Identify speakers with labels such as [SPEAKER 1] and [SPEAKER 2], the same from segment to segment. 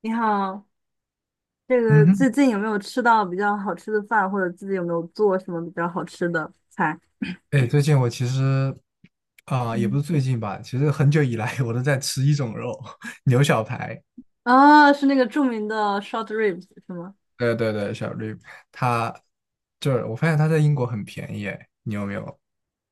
[SPEAKER 1] 你好，这个
[SPEAKER 2] 嗯哼，
[SPEAKER 1] 最近有没有吃到比较好吃的饭，或者自己有没有做什么比较好吃的菜？
[SPEAKER 2] 哎，最近我其实啊、也不
[SPEAKER 1] 嗯，
[SPEAKER 2] 是最近吧，其实很久以来我都在吃一种肉，牛小排。
[SPEAKER 1] 啊，是那个著名的 short ribs 是吗？
[SPEAKER 2] 对对对，小绿，它就是我发现它在英国很便宜，哎，你有没有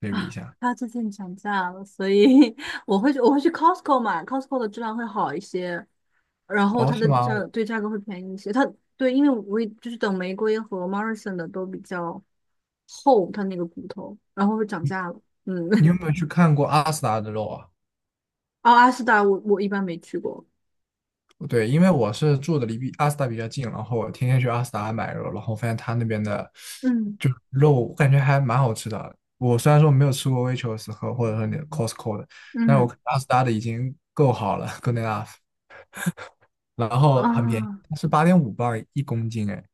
[SPEAKER 2] 对比一
[SPEAKER 1] 啊，
[SPEAKER 2] 下？
[SPEAKER 1] 它最近涨价了，所以 我会去 Costco 买，Costco 的质量会好一些，然后
[SPEAKER 2] 哦，
[SPEAKER 1] 它
[SPEAKER 2] 是
[SPEAKER 1] 的
[SPEAKER 2] 吗？
[SPEAKER 1] 价格会便宜一些。它对，因为我也就是等玫瑰和 Morrison 的都比较厚，它那个骨头，然后会涨价了。嗯，
[SPEAKER 2] 你 有没有去看过阿斯达的肉啊？
[SPEAKER 1] 哦，阿斯达我一般没去过。
[SPEAKER 2] 对，因为我是住的离比阿斯达比较近，然后我天天去阿斯达买肉，然后发现他那边的
[SPEAKER 1] 嗯
[SPEAKER 2] 就肉，我感觉还蛮好吃的。我虽然说没有吃过 Waitrose 和或者说你的 Costco 的，但是我
[SPEAKER 1] 嗯
[SPEAKER 2] 看阿斯达的已经够好了，good enough。然后很便宜，
[SPEAKER 1] 啊。
[SPEAKER 2] 它是8.5磅一公斤。哎，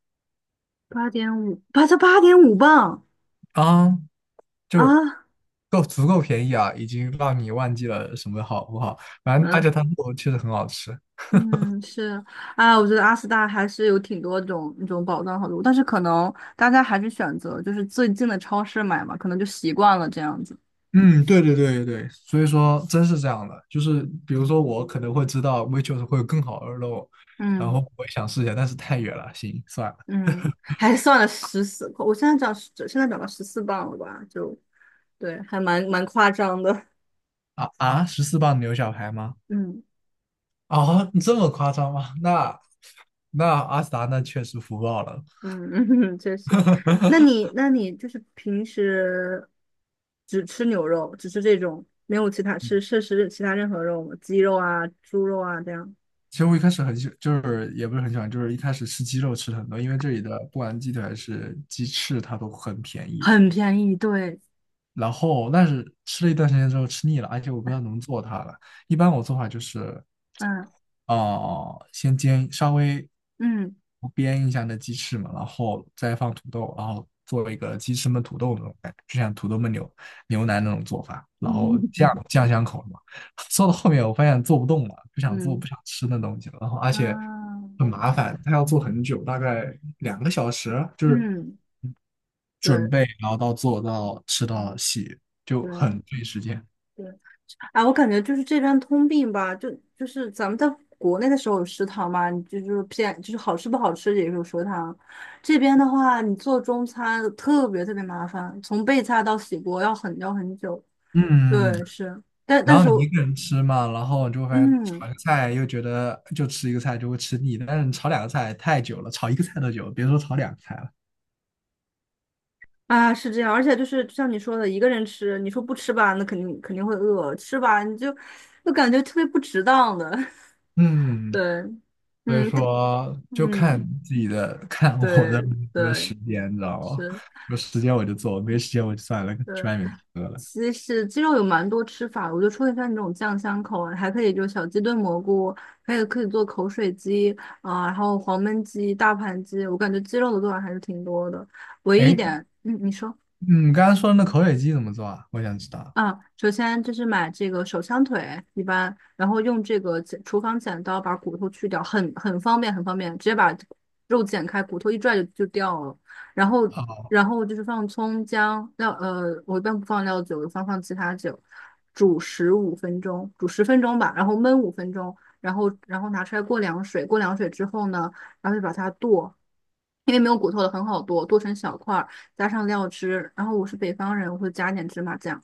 [SPEAKER 1] 八点五，8.5磅
[SPEAKER 2] 啊、就是
[SPEAKER 1] 啊！
[SPEAKER 2] 够足够便宜啊，已经让你忘记了什么好不好。反正而且
[SPEAKER 1] 嗯
[SPEAKER 2] 它肉确实很好吃。
[SPEAKER 1] 嗯，是啊，我觉得阿斯达还是有挺多种那种宝藏好路，但是可能大家还是选择就是最近的超市买嘛，可能就习惯了这样子。
[SPEAKER 2] 嗯，对对对对，所以说真是这样的，就是比如说我可能会知道 Waitrose 会有更好的肉，然后
[SPEAKER 1] 嗯
[SPEAKER 2] 我也想试一下，但是太远了，行，算了。
[SPEAKER 1] 嗯，还算了十四，我现在长到14磅了吧？就对，还蛮蛮夸张的。
[SPEAKER 2] 啊啊，14磅牛小排吗？
[SPEAKER 1] 嗯。
[SPEAKER 2] 啊，你这么夸张吗？那那阿斯达那确实福报了。
[SPEAKER 1] 嗯，确实。那你，那你就是平时只吃牛肉，只吃这种，没有其他吃摄食其他任何肉吗？鸡肉啊、猪肉啊这样。
[SPEAKER 2] 其实我一开始很喜，就是也不是很喜欢，就是一开始吃鸡肉吃的很多，因为这里的不管鸡腿还是鸡翅，它都很便宜。
[SPEAKER 1] 很便宜，对，
[SPEAKER 2] 然后，但是吃了一段时间之后吃腻了，而且我不知道怎么做它了。一般我做法就是
[SPEAKER 1] 嗯
[SPEAKER 2] 哦，先煎稍微
[SPEAKER 1] 嗯
[SPEAKER 2] 煸一下那鸡翅嘛，然后再放土豆，然后做一个鸡翅焖土豆那种感觉，就像土豆焖牛牛腩那种做法，然后酱 酱香口嘛。做到后面我发现做不动了，不想做
[SPEAKER 1] 嗯
[SPEAKER 2] 不想吃那东西了，然后而且
[SPEAKER 1] 嗯，
[SPEAKER 2] 很麻烦，它要做很久，大概两个小时，就是
[SPEAKER 1] 嗯，
[SPEAKER 2] 准备
[SPEAKER 1] 对
[SPEAKER 2] 然后到做到吃到洗，就
[SPEAKER 1] 对
[SPEAKER 2] 很费时间。
[SPEAKER 1] 对，啊，我感觉就是这边通病吧，就是咱们在国内的时候有食堂嘛，你就偏就是好吃不好吃也有食堂。这边的话，你做中餐特别特别麻烦，从备菜到洗锅要很久。
[SPEAKER 2] 嗯，
[SPEAKER 1] 对，是，但
[SPEAKER 2] 然
[SPEAKER 1] 但
[SPEAKER 2] 后
[SPEAKER 1] 是
[SPEAKER 2] 你一
[SPEAKER 1] 我
[SPEAKER 2] 个人吃嘛，然后你就会发现炒
[SPEAKER 1] 嗯
[SPEAKER 2] 一个菜又觉得就吃一个菜就会吃腻，但是你炒两个菜太久了，炒一个菜都久，别说炒两个菜了。
[SPEAKER 1] 啊是这样，而且就是就像你说的，一个人吃，你说不吃吧，那肯定肯定会饿；吃吧，你就感觉特别不值当的。
[SPEAKER 2] 嗯，
[SPEAKER 1] 对，
[SPEAKER 2] 所以
[SPEAKER 1] 嗯，对，
[SPEAKER 2] 说就看
[SPEAKER 1] 嗯，
[SPEAKER 2] 自己的，看我
[SPEAKER 1] 对
[SPEAKER 2] 有没有时
[SPEAKER 1] 对
[SPEAKER 2] 间，你知道吗？
[SPEAKER 1] 是。
[SPEAKER 2] 有时间我就做，没时间我就算了，
[SPEAKER 1] 对。
[SPEAKER 2] 去外面吃了。
[SPEAKER 1] 西式鸡肉有蛮多吃法的，我觉得除了像你这种酱香口啊，还可以就是小鸡炖蘑菇，还有可以做口水鸡啊、然后黄焖鸡、大盘鸡，我感觉鸡肉的做法还是挺多的。唯一一
[SPEAKER 2] 哎，
[SPEAKER 1] 点，嗯，你说。
[SPEAKER 2] 你刚刚说的那口水鸡怎么做啊？我想知道。
[SPEAKER 1] 啊，首先就是买这个手枪腿，一般，然后用这个剪厨房剪刀把骨头去掉，很方便，很方便，直接把肉剪开，骨头一拽就掉了。然后，
[SPEAKER 2] 哦，
[SPEAKER 1] 然后就是放葱姜料，我一般不放料酒，我放其他酒，煮15分钟，煮10分钟吧，然后焖五分钟，然后拿出来过凉水，过凉水之后呢，然后就把它剁。因为没有骨头的很好剁，剁成小块儿，加上料汁。然后我是北方人，我会加一点芝麻酱。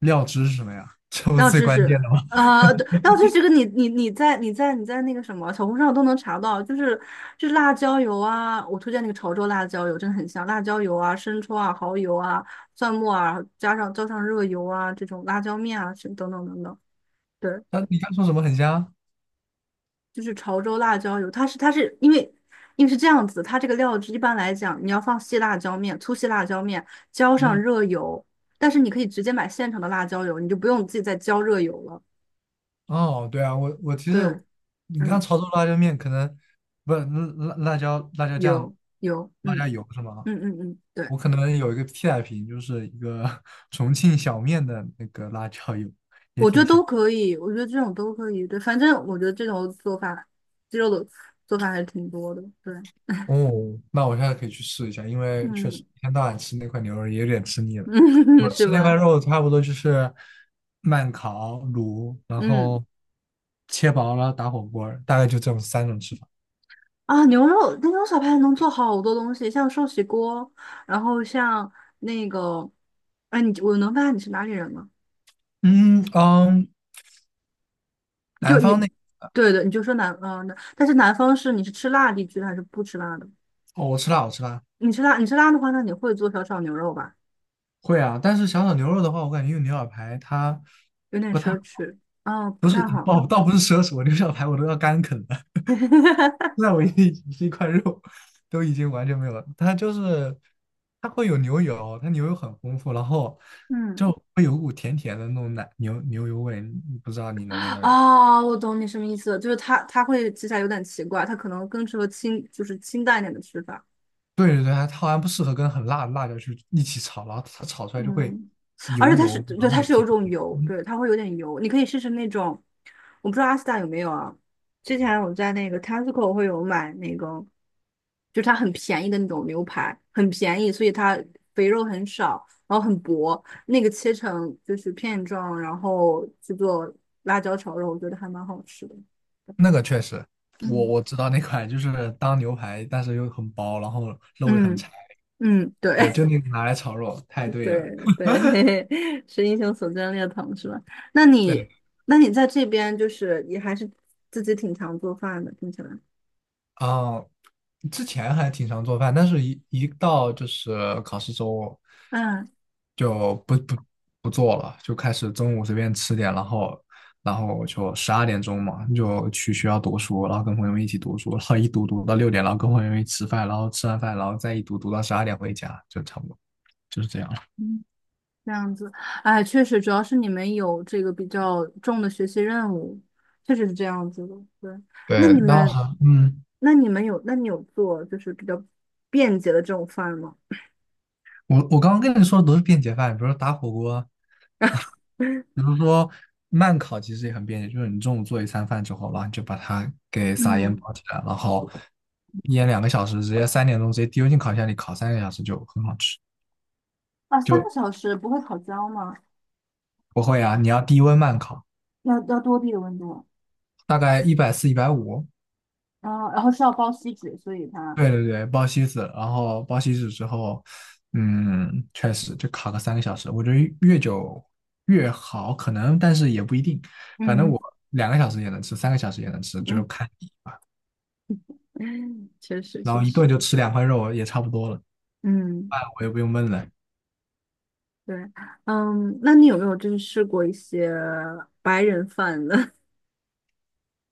[SPEAKER 2] 料汁是什么呀？这不是
[SPEAKER 1] 绕
[SPEAKER 2] 最
[SPEAKER 1] 知
[SPEAKER 2] 关
[SPEAKER 1] 识，
[SPEAKER 2] 键的吗？
[SPEAKER 1] 对，绕知识这个你在那个什么小红书上都能查到，就是就是辣椒油啊，我推荐那个潮州辣椒油，真的很香，辣椒油啊、生抽啊、蚝油啊、蒜末啊，加上浇上热油啊，这种辣椒面啊，是等等等等，对，
[SPEAKER 2] 啊，你刚说什么很香？
[SPEAKER 1] 就是潮州辣椒油，它是因为是这样子，它这个料汁一般来讲，你要放细辣椒面、粗细辣椒面，浇上
[SPEAKER 2] 嗯，
[SPEAKER 1] 热油，但是你可以直接买现成的辣椒油，你就不用自己再浇热油了，
[SPEAKER 2] 哦，对啊，我其实
[SPEAKER 1] 对。
[SPEAKER 2] 你看
[SPEAKER 1] 嗯。
[SPEAKER 2] 潮州辣椒面，可能不是辣辣椒酱、
[SPEAKER 1] 有，
[SPEAKER 2] 辣
[SPEAKER 1] 嗯
[SPEAKER 2] 椒油是吗？
[SPEAKER 1] 嗯嗯嗯，对，
[SPEAKER 2] 我可能有一个替代品，就是一个 重庆小面的那个辣椒油。
[SPEAKER 1] 我觉得都可以，我觉得这种都可以，对，反正我觉得这种做法，鸡肉的做法还是挺多的，对，
[SPEAKER 2] 哦，那我现在可以去试一下，因为确实
[SPEAKER 1] 嗯
[SPEAKER 2] 一天到晚吃那块牛肉也有点吃腻了。
[SPEAKER 1] 嗯，
[SPEAKER 2] 我
[SPEAKER 1] 是
[SPEAKER 2] 吃那块
[SPEAKER 1] 吧？
[SPEAKER 2] 肉差不多就是慢烤、卤，然
[SPEAKER 1] 嗯
[SPEAKER 2] 后切薄了打火锅儿大概就这种三种吃法。
[SPEAKER 1] 啊，牛肉那种小排能做好多东西，像寿喜锅，然后像那个，哎，你我能问下你是哪里人吗？
[SPEAKER 2] 嗯嗯，
[SPEAKER 1] 就
[SPEAKER 2] 南
[SPEAKER 1] 你，
[SPEAKER 2] 方那
[SPEAKER 1] 对的，你就说南，嗯、但是南方是你是吃辣地区的还是不吃辣的？
[SPEAKER 2] 哦，我吃辣，我吃辣。
[SPEAKER 1] 你吃辣，你吃辣的话，那你会做小炒牛肉吧？
[SPEAKER 2] 会啊，但是小炒牛肉的话，我感觉用牛小排它
[SPEAKER 1] 有点
[SPEAKER 2] 不太，
[SPEAKER 1] 奢侈，啊，不
[SPEAKER 2] 不是，
[SPEAKER 1] 太好。
[SPEAKER 2] 倒不是奢侈，我牛小排我都要干啃了。那 我一是 一块肉都已经完全没有了。它就是它会有牛油，它牛油很丰富，然后
[SPEAKER 1] 嗯，
[SPEAKER 2] 就会有股甜甜的那种奶牛牛油味，不知道你能不能？
[SPEAKER 1] 哦，我懂你什么意思了，就是它会吃起来有点奇怪，它可能更适合清，就是清淡一点的吃法。
[SPEAKER 2] 对对对，它好像不适合跟很辣的辣椒去一起炒，然后它炒出来就会
[SPEAKER 1] 嗯，而
[SPEAKER 2] 油
[SPEAKER 1] 且它是，
[SPEAKER 2] 油，
[SPEAKER 1] 对，
[SPEAKER 2] 然
[SPEAKER 1] 它
[SPEAKER 2] 后
[SPEAKER 1] 是有
[SPEAKER 2] 甜
[SPEAKER 1] 一种
[SPEAKER 2] 甜。
[SPEAKER 1] 油，对，它会有点油。你可以试试那种，我不知道阿斯达有没有啊。之前我在那个 Tesco 会有买那个，就是它很便宜的那种牛排，很便宜，所以它肥肉很少，然后很薄，那个切成就是片状，然后去做辣椒炒肉，我觉得还蛮好吃的。
[SPEAKER 2] 那个确实，我
[SPEAKER 1] 嗯
[SPEAKER 2] 我知道那款就是当牛排，但是又很薄，然后肉又很柴。
[SPEAKER 1] 嗯嗯，对，
[SPEAKER 2] 对，就那个拿来炒肉，太对了。
[SPEAKER 1] 对对，嘿嘿，是英雄所见略同，是吧？那你，
[SPEAKER 2] 对，
[SPEAKER 1] 那你在这边就是也还是自己挺常做饭的，听起来。
[SPEAKER 2] 嗯，之前还挺常做饭，但是一到就是考试周，
[SPEAKER 1] 嗯
[SPEAKER 2] 就不做了，就开始中午随便吃点，然后然后就12点钟嘛，就去学校读书，然后跟朋友们一起读书，然后一读读到6点，然后跟朋友们一起吃饭，然后吃完饭，然后再一读读到十二点回家，就差不多就是这样。
[SPEAKER 1] 嗯，这样子，哎，确实，主要是你们有这个比较重的学习任务，确实是这样子的。对，那
[SPEAKER 2] 对，
[SPEAKER 1] 你
[SPEAKER 2] 那
[SPEAKER 1] 们，
[SPEAKER 2] 好嗯，
[SPEAKER 1] 那你们有，那你有做就是比较便捷的这种饭吗？
[SPEAKER 2] 我刚刚跟你说的都是便捷饭，比如说打火锅，比如说慢烤，其实也很便捷，就是你中午做一餐饭之后，然后你就把它给撒盐
[SPEAKER 1] 嗯，
[SPEAKER 2] 包起来，然后腌两个小时，直接3点钟直接丢进烤箱里烤三个小时就很好吃。
[SPEAKER 1] 啊，三个
[SPEAKER 2] 就
[SPEAKER 1] 小时不会烤焦吗？
[SPEAKER 2] 不会啊，你要低温慢烤，
[SPEAKER 1] 要多低的温度啊？
[SPEAKER 2] 大概140、150，
[SPEAKER 1] 然后是要包锡纸，所以它，
[SPEAKER 2] 对对对，包西子，然后包西子之后，嗯，确实就烤个三个小时。我觉得越久越好，可能，但是也不一定。反正
[SPEAKER 1] 嗯
[SPEAKER 2] 我两个小时也能吃，三个小时也能吃，就是
[SPEAKER 1] 嗯。
[SPEAKER 2] 看你。
[SPEAKER 1] 嗯，确实
[SPEAKER 2] 然
[SPEAKER 1] 确
[SPEAKER 2] 后一顿
[SPEAKER 1] 实，
[SPEAKER 2] 就吃两块肉也差不多了，
[SPEAKER 1] 嗯，
[SPEAKER 2] 饭我也不用焖了。
[SPEAKER 1] 对，嗯，那你有没有就是试过一些白人饭的？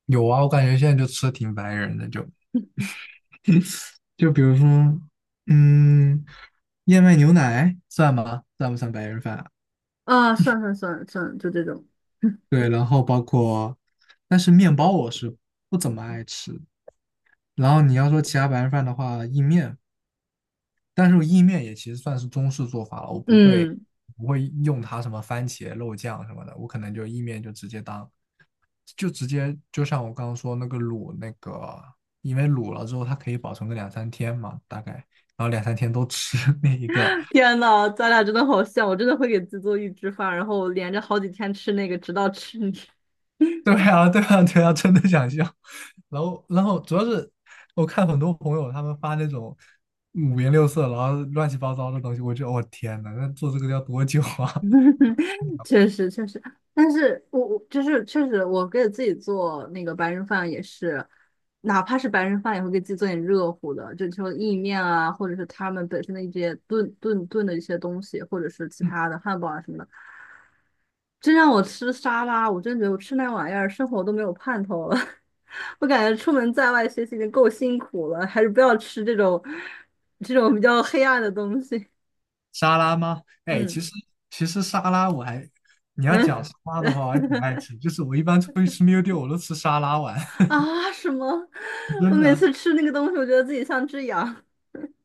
[SPEAKER 2] 有啊，我感觉现在就吃的挺白人的，就 就比如说，嗯，燕麦牛奶算吗？算不算白人饭啊
[SPEAKER 1] 啊，算算算算，就这种。
[SPEAKER 2] 对，然后包括，但是面包我是不怎么爱吃。然后你要说其他白人饭的话，意面，但是意面也其实算是中式做法了，我 不会
[SPEAKER 1] 嗯，
[SPEAKER 2] 不会用它什么番茄肉酱什么的，我可能就意面就直接当，就直接就像我刚刚说那个卤那个，因为卤了之后它可以保存个两三天嘛，大概，然后两三天都吃 那一个。
[SPEAKER 1] 天呐，咱俩真的好像，我真的会给自己做预制饭，然后连着好几天吃那个，直到吃腻。
[SPEAKER 2] 对啊，对啊，对啊，真的想笑。然后，然后主要是我看很多朋友他们发那种五颜六色，然后乱七八糟的东西，我就我、天呐，那做这个要多久啊？
[SPEAKER 1] 确实确实，但是我就是确实，我给自己做那个白人饭也是，哪怕是白人饭也会给自己做点热乎的，就意面啊，或者是他们本身的一些炖炖炖的一些东西，或者是其他的汉堡啊什么的。真让我吃沙拉，我真觉得我吃那玩意儿，生活都没有盼头了。我感觉出门在外学习已经够辛苦了，还是不要吃这种比较黑暗的东西。
[SPEAKER 2] 沙拉吗？哎，
[SPEAKER 1] 嗯
[SPEAKER 2] 其实沙拉我还，你要
[SPEAKER 1] 嗯，
[SPEAKER 2] 讲沙拉的 话，我还挺爱吃。就是我一般出去吃 meal d e 我都吃沙拉碗。
[SPEAKER 1] 啊，什么？我
[SPEAKER 2] 真
[SPEAKER 1] 每
[SPEAKER 2] 的。
[SPEAKER 1] 次吃那个东西，我觉得自己像只羊。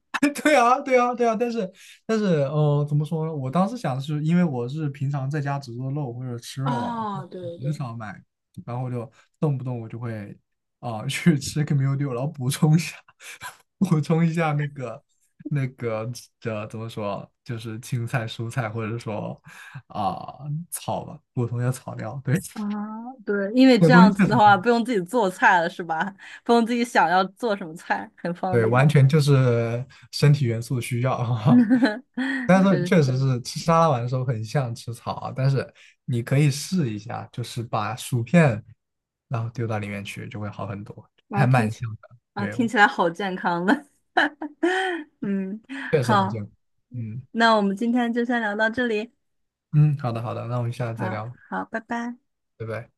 [SPEAKER 2] 对啊，对啊，对啊，但是，但是，呃，怎么说呢？我当时想的是，因为我是平常在家只做肉或者 吃肉啊，
[SPEAKER 1] 啊，对对
[SPEAKER 2] 很
[SPEAKER 1] 对，
[SPEAKER 2] 少买，然后就动不动我就会啊、去吃个 meal d e a 然后补充一下。补充一下那个这怎么说，就是青菜、蔬菜，或者说啊、草吧，补充一下草料。对，
[SPEAKER 1] 啊，对，因为
[SPEAKER 2] 这个
[SPEAKER 1] 这
[SPEAKER 2] 东
[SPEAKER 1] 样
[SPEAKER 2] 西
[SPEAKER 1] 子
[SPEAKER 2] 确
[SPEAKER 1] 的
[SPEAKER 2] 实
[SPEAKER 1] 话，不用自己做菜了，是吧？不用自己想要做什么菜，很方
[SPEAKER 2] 对，
[SPEAKER 1] 便。
[SPEAKER 2] 完全就是身体元素需要。但
[SPEAKER 1] 就
[SPEAKER 2] 是
[SPEAKER 1] 是
[SPEAKER 2] 确实是吃沙拉碗的时候很像吃草啊，但是你可以试一下，就是把薯片然后丢到里面去，就会好很多，
[SPEAKER 1] 啊，
[SPEAKER 2] 还蛮像的，
[SPEAKER 1] 听起来好健康的。嗯，
[SPEAKER 2] 确实好
[SPEAKER 1] 好，
[SPEAKER 2] 像。嗯
[SPEAKER 1] 那我们今天就先聊到这里。
[SPEAKER 2] 嗯，好的好的，那我们下次再
[SPEAKER 1] 好，
[SPEAKER 2] 聊，
[SPEAKER 1] 好，拜拜。
[SPEAKER 2] 拜拜。